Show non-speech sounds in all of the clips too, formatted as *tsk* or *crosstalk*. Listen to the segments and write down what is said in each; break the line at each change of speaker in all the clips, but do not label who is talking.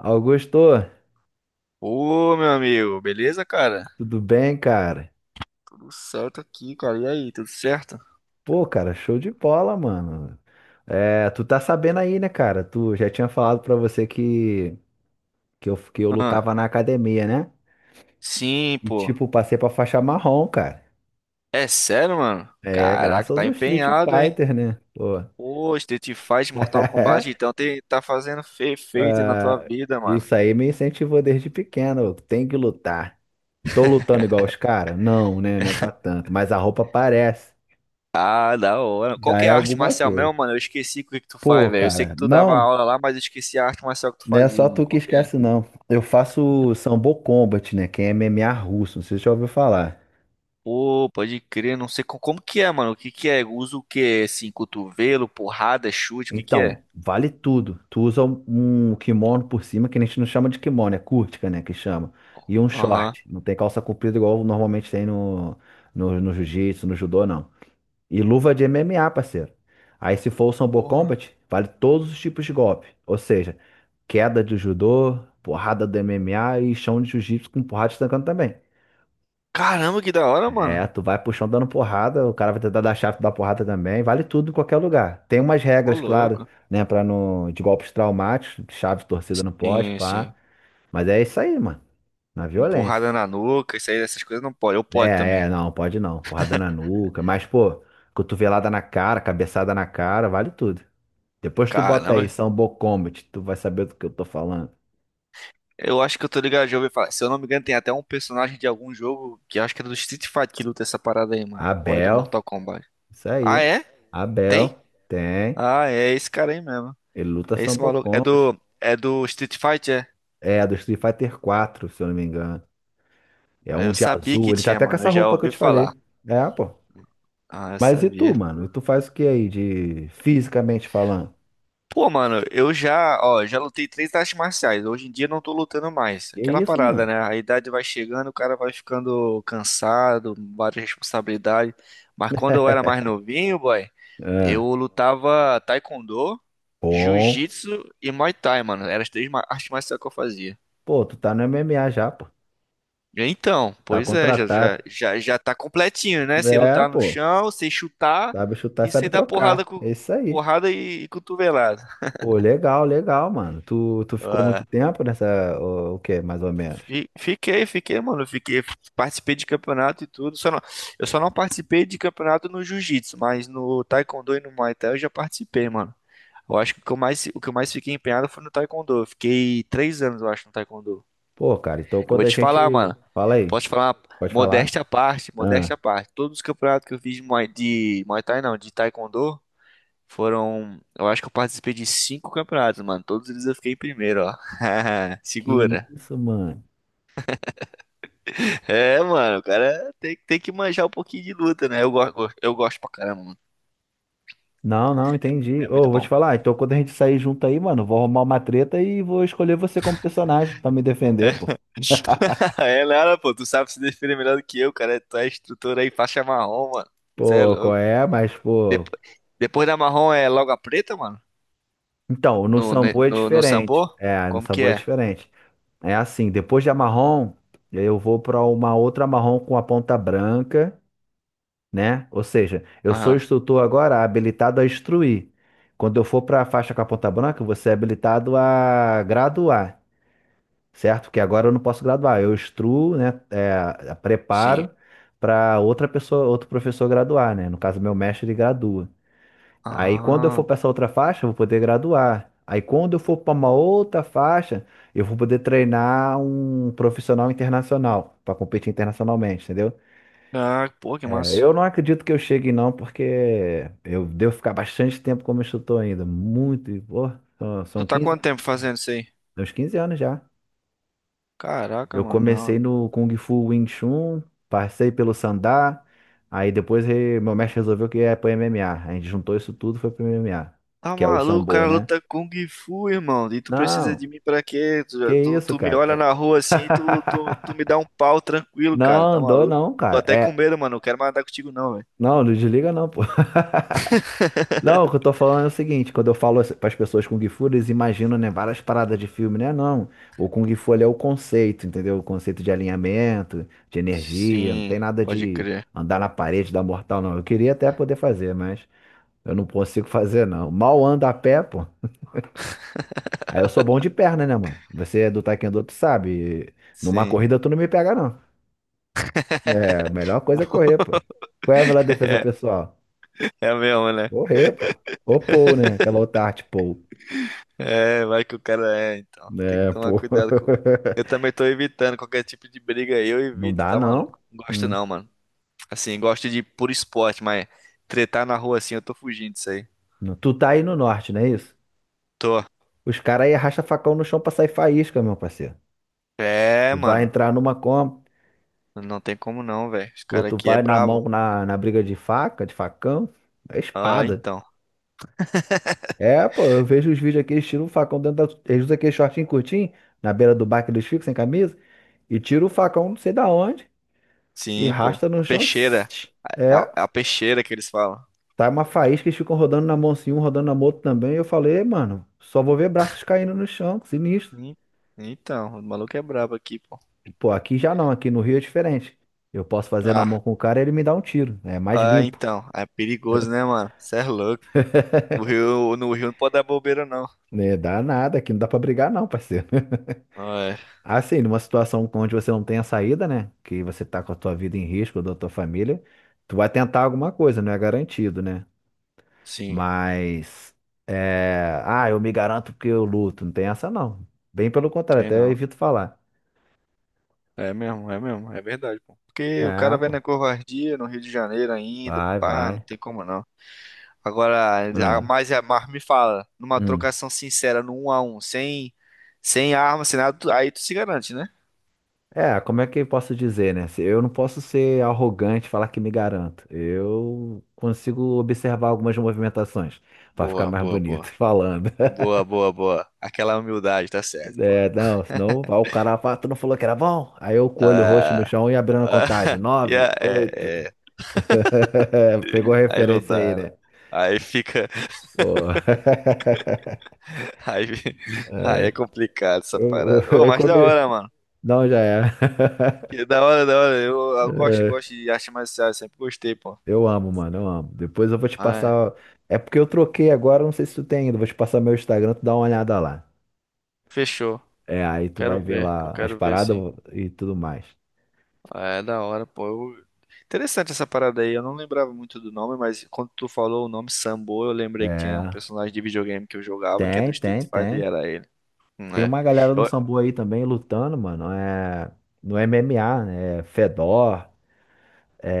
Augusto,
Ô, meu amigo, beleza, cara?
tudo bem, cara?
Tudo certo aqui, cara. E aí, tudo certo?
Pô, cara, show de bola, mano. É, tu tá sabendo aí, né, cara? Tu já tinha falado pra você que eu
Ah,
lutava na academia, né?
sim,
E,
pô.
tipo, passei pra faixa marrom, cara.
É sério, mano?
É,
Caraca,
graças
tá
ao Street
empenhado, hein?
Fighter, né? Pô.
Pô, Street Fighter, Mortal Kombat,
*laughs*
então tem, tá fazendo feito na tua
Ah,
vida, mano.
isso aí me incentivou desde pequeno. Tem que lutar. Tô lutando igual os caras? Não, né? Não é pra tanto. Mas a roupa parece.
Ah, da hora. Qual
Já
que
é
é a arte
alguma
marcial mesmo,
coisa.
mano? Eu esqueci o que que tu
Pô,
faz, velho. Eu sei
cara,
que tu dava
não.
aula lá, mas eu esqueci a arte marcial que tu
Não é
fazia,
só
mano.
tu que
Qual que é?
esquece, não. Eu faço Sambo Combat, né? Que é MMA russo, não sei se você já ouviu falar.
Pô, pode crer, não sei como, que é, mano. O que que é? Usa o quê? Assim, cotovelo, porrada, chute, o que que é?
Então, vale tudo. Tu usa um kimono por cima, que a gente não chama de kimono, é curtica, né? Que chama. E um
Aham.
short. Não tem calça comprida igual normalmente tem no, no jiu-jitsu, no judô, não. E luva de MMA, parceiro. Aí, se for o Sambo
Porra.
Combat, vale todos os tipos de golpe. Ou seja, queda de judô, porrada do MMA e chão de jiu-jitsu com porrada estancando também.
Caramba, que da hora, mano.
É, tu vai pro chão dando porrada, o cara vai tentar dar chave, tu dá porrada também, vale tudo em qualquer lugar. Tem umas
Ô,
regras, claro,
louco.
né, pra não, de golpes traumáticos, chave torcida não pode,
Sim,
pá.
sim.
Mas é isso aí, mano, na violência.
Porrada na nuca, isso aí, essas coisas não pode. Eu pode
É,
também.
não, pode não, porrada na nuca, mas, pô, cotovelada na cara, cabeçada na cara, vale tudo. Depois tu bota aí,
Caramba.
Sambo Combat, tu vai saber do que eu tô falando.
Eu acho que eu tô ligado, já ouvi falar. Se eu não me engano, tem até um personagem de algum jogo que eu acho que era do Street Fighter que luta essa parada aí, mano. Ou é do
Abel,
Mortal Kombat?
isso
Ah,
aí,
é? Tem?
Abel, tem,
Ah, é esse cara aí mesmo.
ele luta
É esse
Sambo
maluco. É
Combat.
do, é do Street Fighter, é?
É, do Street Fighter 4, se eu não me engano. É
Ah,
um
eu
de
sabia
azul.
que
Ele tá
tinha,
até com
mano.
essa
Eu já
roupa que eu
ouvi
te
falar.
falei. É, pô.
Ah, eu
Mas e tu,
sabia.
mano? E tu faz o que aí de fisicamente falando?
Pô, mano, eu já, ó, já lutei três artes marciais. Hoje em dia não tô lutando mais.
Que
Aquela
isso,
parada,
mano?
né? A idade vai chegando, o cara vai ficando cansado, várias responsabilidades. Mas quando eu era mais
*laughs*
novinho, boy, eu
É.
lutava taekwondo,
Bom.
jiu-jitsu e muay thai, mano. Eram as três artes marciais que eu fazia.
Pô, tu tá no MMA já, pô.
Então,
Tá
pois é, já,
contratado.
já, já, já tá completinho, né? Sei
É,
lutar no
pô.
chão, sei chutar
Sabe chutar,
e sei
sabe
dar porrada,
trocar.
com,
É isso aí.
porrada e cotovelada.
Pô, legal, legal, mano. Tu ficou muito
*laughs*
tempo nessa. O quê, mais ou menos?
Fiquei, mano. Fiquei, participei de campeonato e tudo. Só não, eu só não participei de campeonato no jiu-jitsu, mas no taekwondo e no muay thai eu já participei, mano. Eu acho que o que eu mais fiquei empenhado foi no taekwondo. Eu fiquei três anos, eu acho, no taekwondo.
Pô, cara, então
Eu
quando
vou
a
te
gente.
falar, mano.
Fala aí.
Posso te falar,
Pode falar?
modéstia à parte, modéstia à
Ah,
parte. Todos os campeonatos que eu fiz de muay thai, não, de taekwondo, foram. Eu acho que eu participei de cinco campeonatos, mano. Todos eles eu fiquei em primeiro, ó. *laughs*
que
Segura.
isso, mano?
É, mano, o cara tem que manjar um pouquinho de luta, né? Eu gosto pra caramba, mano.
Não, não, entendi.
É muito
Ô, vou te
bom.
falar, então quando a gente sair junto aí, mano, vou arrumar uma treta e vou escolher você como personagem pra me defender, pô.
*laughs* É, Lara, pô, tu sabe se defender melhor do que eu, cara. Tu é instrutor aí, faixa marrom, mano. Você é
Pô, qual
louco.
é? Mas, pô.
Depo- Depois da marrom é logo a preta, mano?
Então, no
No, ne-
Sambo é
no, no
diferente.
sambô?
É, no
Como que
Sambo é
é?
diferente. É assim, depois de Amarrom, eu vou pra uma outra Amarrom com a ponta branca, né? Ou seja, eu sou
Aham,
instrutor agora habilitado a instruir. Quando eu for pra faixa com a ponta branca, você é habilitado a graduar. Certo? Porque agora eu não posso graduar, eu instruo, né, é,
sim.
preparo para outra pessoa, outro professor graduar, né? No caso, meu mestre ele gradua. Aí quando eu
Ah,
for para essa outra faixa, eu vou poder graduar. Aí quando eu for para uma outra faixa, eu vou poder treinar um profissional internacional para competir internacionalmente, entendeu?
ah, pô, que
É,
massa.
eu não acredito que eu chegue não, porque eu devo ficar bastante tempo como instrutor ainda, muito, pô, são
Tu
são
tá
15
quanto tempo fazendo isso aí?
uns 15 anos já.
Caraca,
Eu
mano,
comecei
não.
no Kung Fu Wing Chun, passei pelo Sandá, aí depois meu mestre resolveu que ia pro MMA. A gente juntou isso tudo e foi pro MMA,
Tá
que é o
maluco, o
Sambo,
cara
né?
luta Kung Fu, irmão. E tu precisa
Não,
de mim pra quê?
que
Tu, tu,
isso,
tu me
cara.
olha na rua assim, e tu me dá
*laughs*
um pau tranquilo, cara.
Não,
Tá
dou
maluco?
não,
Tô
cara.
até com
É,
medo, mano. Não quero mais andar contigo, não, velho.
não, não desliga não, pô. *laughs* Não, o que eu tô falando é o seguinte, quando eu falo para as pessoas Kung Fu, eles imaginam, né, várias paradas de filme, né? Não, o Kung Fu ele é o conceito, entendeu? O conceito de alinhamento, de energia, não
Sim,
tem nada
pode
de
crer.
andar na parede, dar mortal, não. Eu queria até poder fazer, mas eu não consigo fazer, não. Mal ando a pé, pô. Aí eu sou bom de perna, né, mano? Você é do Taekwondo, tu sabe. Numa
Sim.
corrida tu não me pega, não. É, a melhor coisa é correr, pô. Qual é a melhor defesa
*laughs*
pessoal?
É mesmo, né?
Correr, pô. Ou pole, né? Aquela outra arte pole.
É, vai que o cara é, então. Tem que
É,
tomar
pô.
cuidado com. Eu
*laughs*
também tô evitando qualquer tipo de briga aí, eu
Não
evito,
dá,
tá
não.
maluco? Não gosto
Hum.
não, mano. Assim, gosto de por esporte, mas tretar na rua assim, eu tô fugindo disso aí.
Tu tá aí no norte, não é isso?
Tô.
Os caras aí arrasta facão no chão pra sair faísca, meu parceiro.
É,
Tu vai
mano.
entrar numa Kombi,
Não tem como não, velho. Os
ou
caras
tu
aqui é
vai na mão
brabo.
na, briga de faca, de facão, é
Ah,
espada.
então.
É, pô, eu vejo os vídeos aqui, eles tiram o facão dentro da. Eles usam aquele shortinho curtinho, na beira do bar que eles ficam, sem camisa, e tira o facão não sei da onde, e
Sim, pô.
arrasta no
A
chão.
peixeira.
*tsk* É.
A peixeira que eles falam.
Tá uma faísca, eles ficam rodando na mão assim, um rodando na mão outro também. Eu falei, "Ei, mano, só vou ver braços caindo no chão, que sinistro."
Hum. Então, o maluco é brabo aqui, pô.
Pô, aqui já não, aqui no Rio é diferente. Eu posso fazer na
Ah,
mão com o cara e ele me dá um tiro. É mais
ah,
limpo.
então. É perigoso, né, mano? Cê é louco. No
*laughs*
Rio, no Rio não pode dar bobeira, não.
Né, dá nada, aqui não dá pra brigar não, parceiro. *laughs*
Ah, é.
Assim, numa situação onde você não tem a saída, né? Que você tá com a tua vida em risco, da tua família, tu vai tentar alguma coisa, não é garantido, né?
Sim,
Mas, ah, eu me garanto porque eu luto, não tem essa não. Bem pelo contrário,
tem
até eu
não.
evito falar.
É mesmo. É verdade, pô. Porque o
É,
cara vai
pô.
na covardia no Rio de Janeiro ainda.
Vai,
Pá, não
vai.
tem como não. Agora,
Ah,
mas, mas me fala, numa
hum.
trocação sincera, no 1 a um sem, sem arma, sem nada, aí tu se garante, né?
É, como é que eu posso dizer, né? Eu não posso ser arrogante e falar que me garanto. Eu consigo observar algumas movimentações pra ficar
Boa,
mais
boa,
bonito *laughs*
boa.
falando.
É boa, boa, boa. Aquela humildade, tá certo, pô.
É, não, senão vai o cara fala, tu não falou que era bom? Aí eu com o olho roxo no
Ah,
chão e abrindo a contagem.
ah, *laughs* e
Nove, oito.
é, é.
*laughs* Pegou a
Aí não
referência aí,
dá, né?
né?
Aí fica.
Pô. *laughs*
Aí, *laughs* aí
É,
é complicado essa
Eu,
parada.
eu
Ô,
eu
mas da
comi.
hora, mano.
Não, já é.
Que
*laughs*
da hora, da hora. Eu gosto, gosto de arte marcial, sempre gostei, pô.
Eu amo, mano, eu amo. Depois eu vou te
Ah, é.
passar. É porque eu troquei agora, não sei se tu tem ainda. Vou te passar meu Instagram, tu dá uma olhada lá.
Fechou.
É, aí tu
Quero
vai ver
ver, eu
lá as
quero ver
paradas
sim.
e tudo mais.
É da hora, pô. Interessante essa parada aí. Eu não lembrava muito do nome, mas quando tu falou o nome Sambo, eu lembrei que tinha um
É,
personagem de videogame que eu jogava, que é
tem,
do Street
tem,
Fighter, e
tem.
era ele. Hum.
Tem
É.
uma galera no
Eu-
Sambo aí também lutando, mano. É, no MMA, né? É Fedor,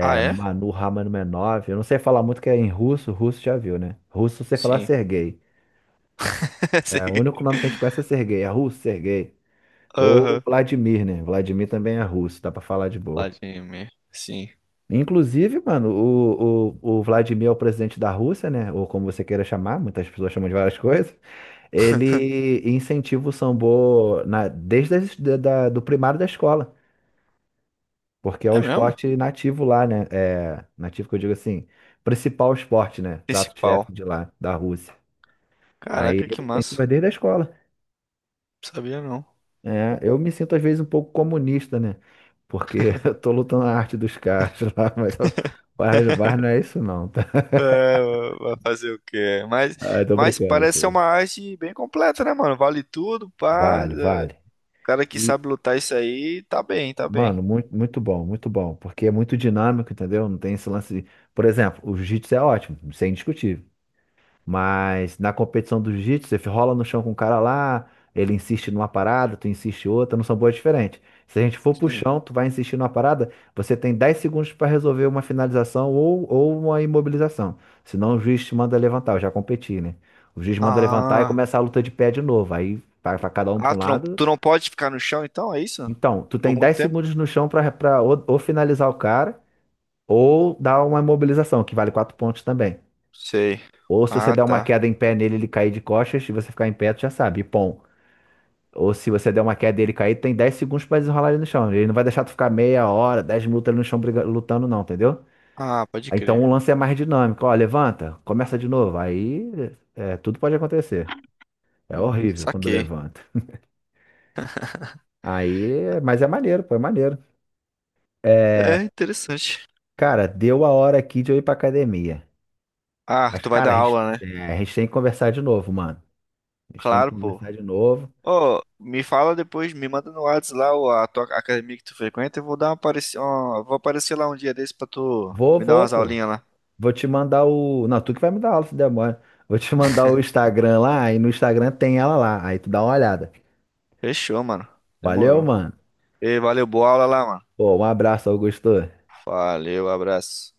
Ah, é?
Manu Ramanov. Eu não sei falar muito que é em russo, russo já viu, né? Russo você falar
Sim.
Sergei.
*laughs*
É, o
Segui.
único nome que a gente conhece é Sergei, é russo, Sergei. Ou
Aham.
Vladimir, né? Vladimir também é russo, dá pra falar de boa.
Vladimir. Sim.
Inclusive, mano, o Vladimir é o presidente da Rússia, né? Ou como você queira chamar, muitas pessoas chamam de várias *laughs* coisas. Ele incentiva o sambô na, desde as, da, da- do primário da escola, porque é o
É mesmo?
esporte nativo lá, né? É, nativo que eu digo assim, principal esporte, né? Prato-chefe
Principal.
de lá, da Rússia. Aí
Caraca, que
ele
massa.
incentiva desde a escola.
Não sabia não.
É, eu me sinto às vezes um pouco comunista, né? Porque *laughs* eu tô lutando a arte dos caras *laughs* lá, mas, mas não é isso não, tá?
Vai fazer o quê?
Ah, eu tô
Mas
brincando,
parece ser
pô.
uma arte bem completa, né, mano? Vale tudo, pá.
Vale,
É.
vale.
O cara que
E,
sabe lutar isso aí, tá bem, tá bem.
mano, muito, muito bom, muito bom. Porque é muito dinâmico, entendeu? Não tem esse lance de... Por exemplo, o jiu-jitsu é ótimo, isso é indiscutível. Mas na competição do jiu-jitsu, você rola no chão com o cara lá, ele insiste numa parada, tu insiste outra, não são boas diferentes. Se a gente for pro
Sim.
chão, tu vai insistir numa parada, você tem 10 segundos para resolver uma finalização ou uma imobilização. Senão o juiz te manda levantar, eu já competi, né? O juiz manda levantar e
Ah.
começa a luta de pé de novo. Aí vai pra cada um pra
Ah,
um
tu não,
lado.
tu não pode ficar no chão então, é isso?
Então, tu
Por
tem
muito
10
tempo?
segundos no chão pra, pra ou finalizar o cara, ou dar uma imobilização, que vale 4 pontos também.
Sei.
Ou se você
Ah,
der uma
tá.
queda em pé nele, ele cair de costas, e você ficar em pé, tu já sabe, e pom. Ou se você der uma queda e ele cair, tem 10 segundos pra desenrolar ele no chão. Ele não vai deixar tu ficar meia hora, 10 minutos ali no chão lutando, não, entendeu?
Ah, pode
Então
crer.
o lance é mais dinâmico. Ó, levanta, começa de novo. Aí tudo pode acontecer. É horrível quando
Saquei.
levanta. *laughs* Aí, mas é maneiro, pô, é maneiro.
É
É,
interessante.
cara, deu a hora aqui de eu ir pra academia.
Ah,
Mas,
tu vai
cara,
dar
a gente,
aula, né?
é, a gente tem que conversar de novo, mano. A gente tem que
Claro, pô.
conversar de novo.
Ô, me fala depois, me manda no Whats lá a tua academia que tu frequenta, eu vou dar uma apareci... ó, vou aparecer lá um dia desse pra tu
Vou,
me dar
vou,
umas
pô.
aulinhas lá.
Vou te mandar o. Não, tu que vai me dar aula, se demora. Vou te mandar o Instagram lá, e no Instagram tem ela lá. Aí tu dá uma olhada.
Fechou, mano.
Valeu,
Demorou.
mano.
Ei, valeu, boa aula lá, mano.
Pô, um abraço, Augusto.
Valeu, abraço.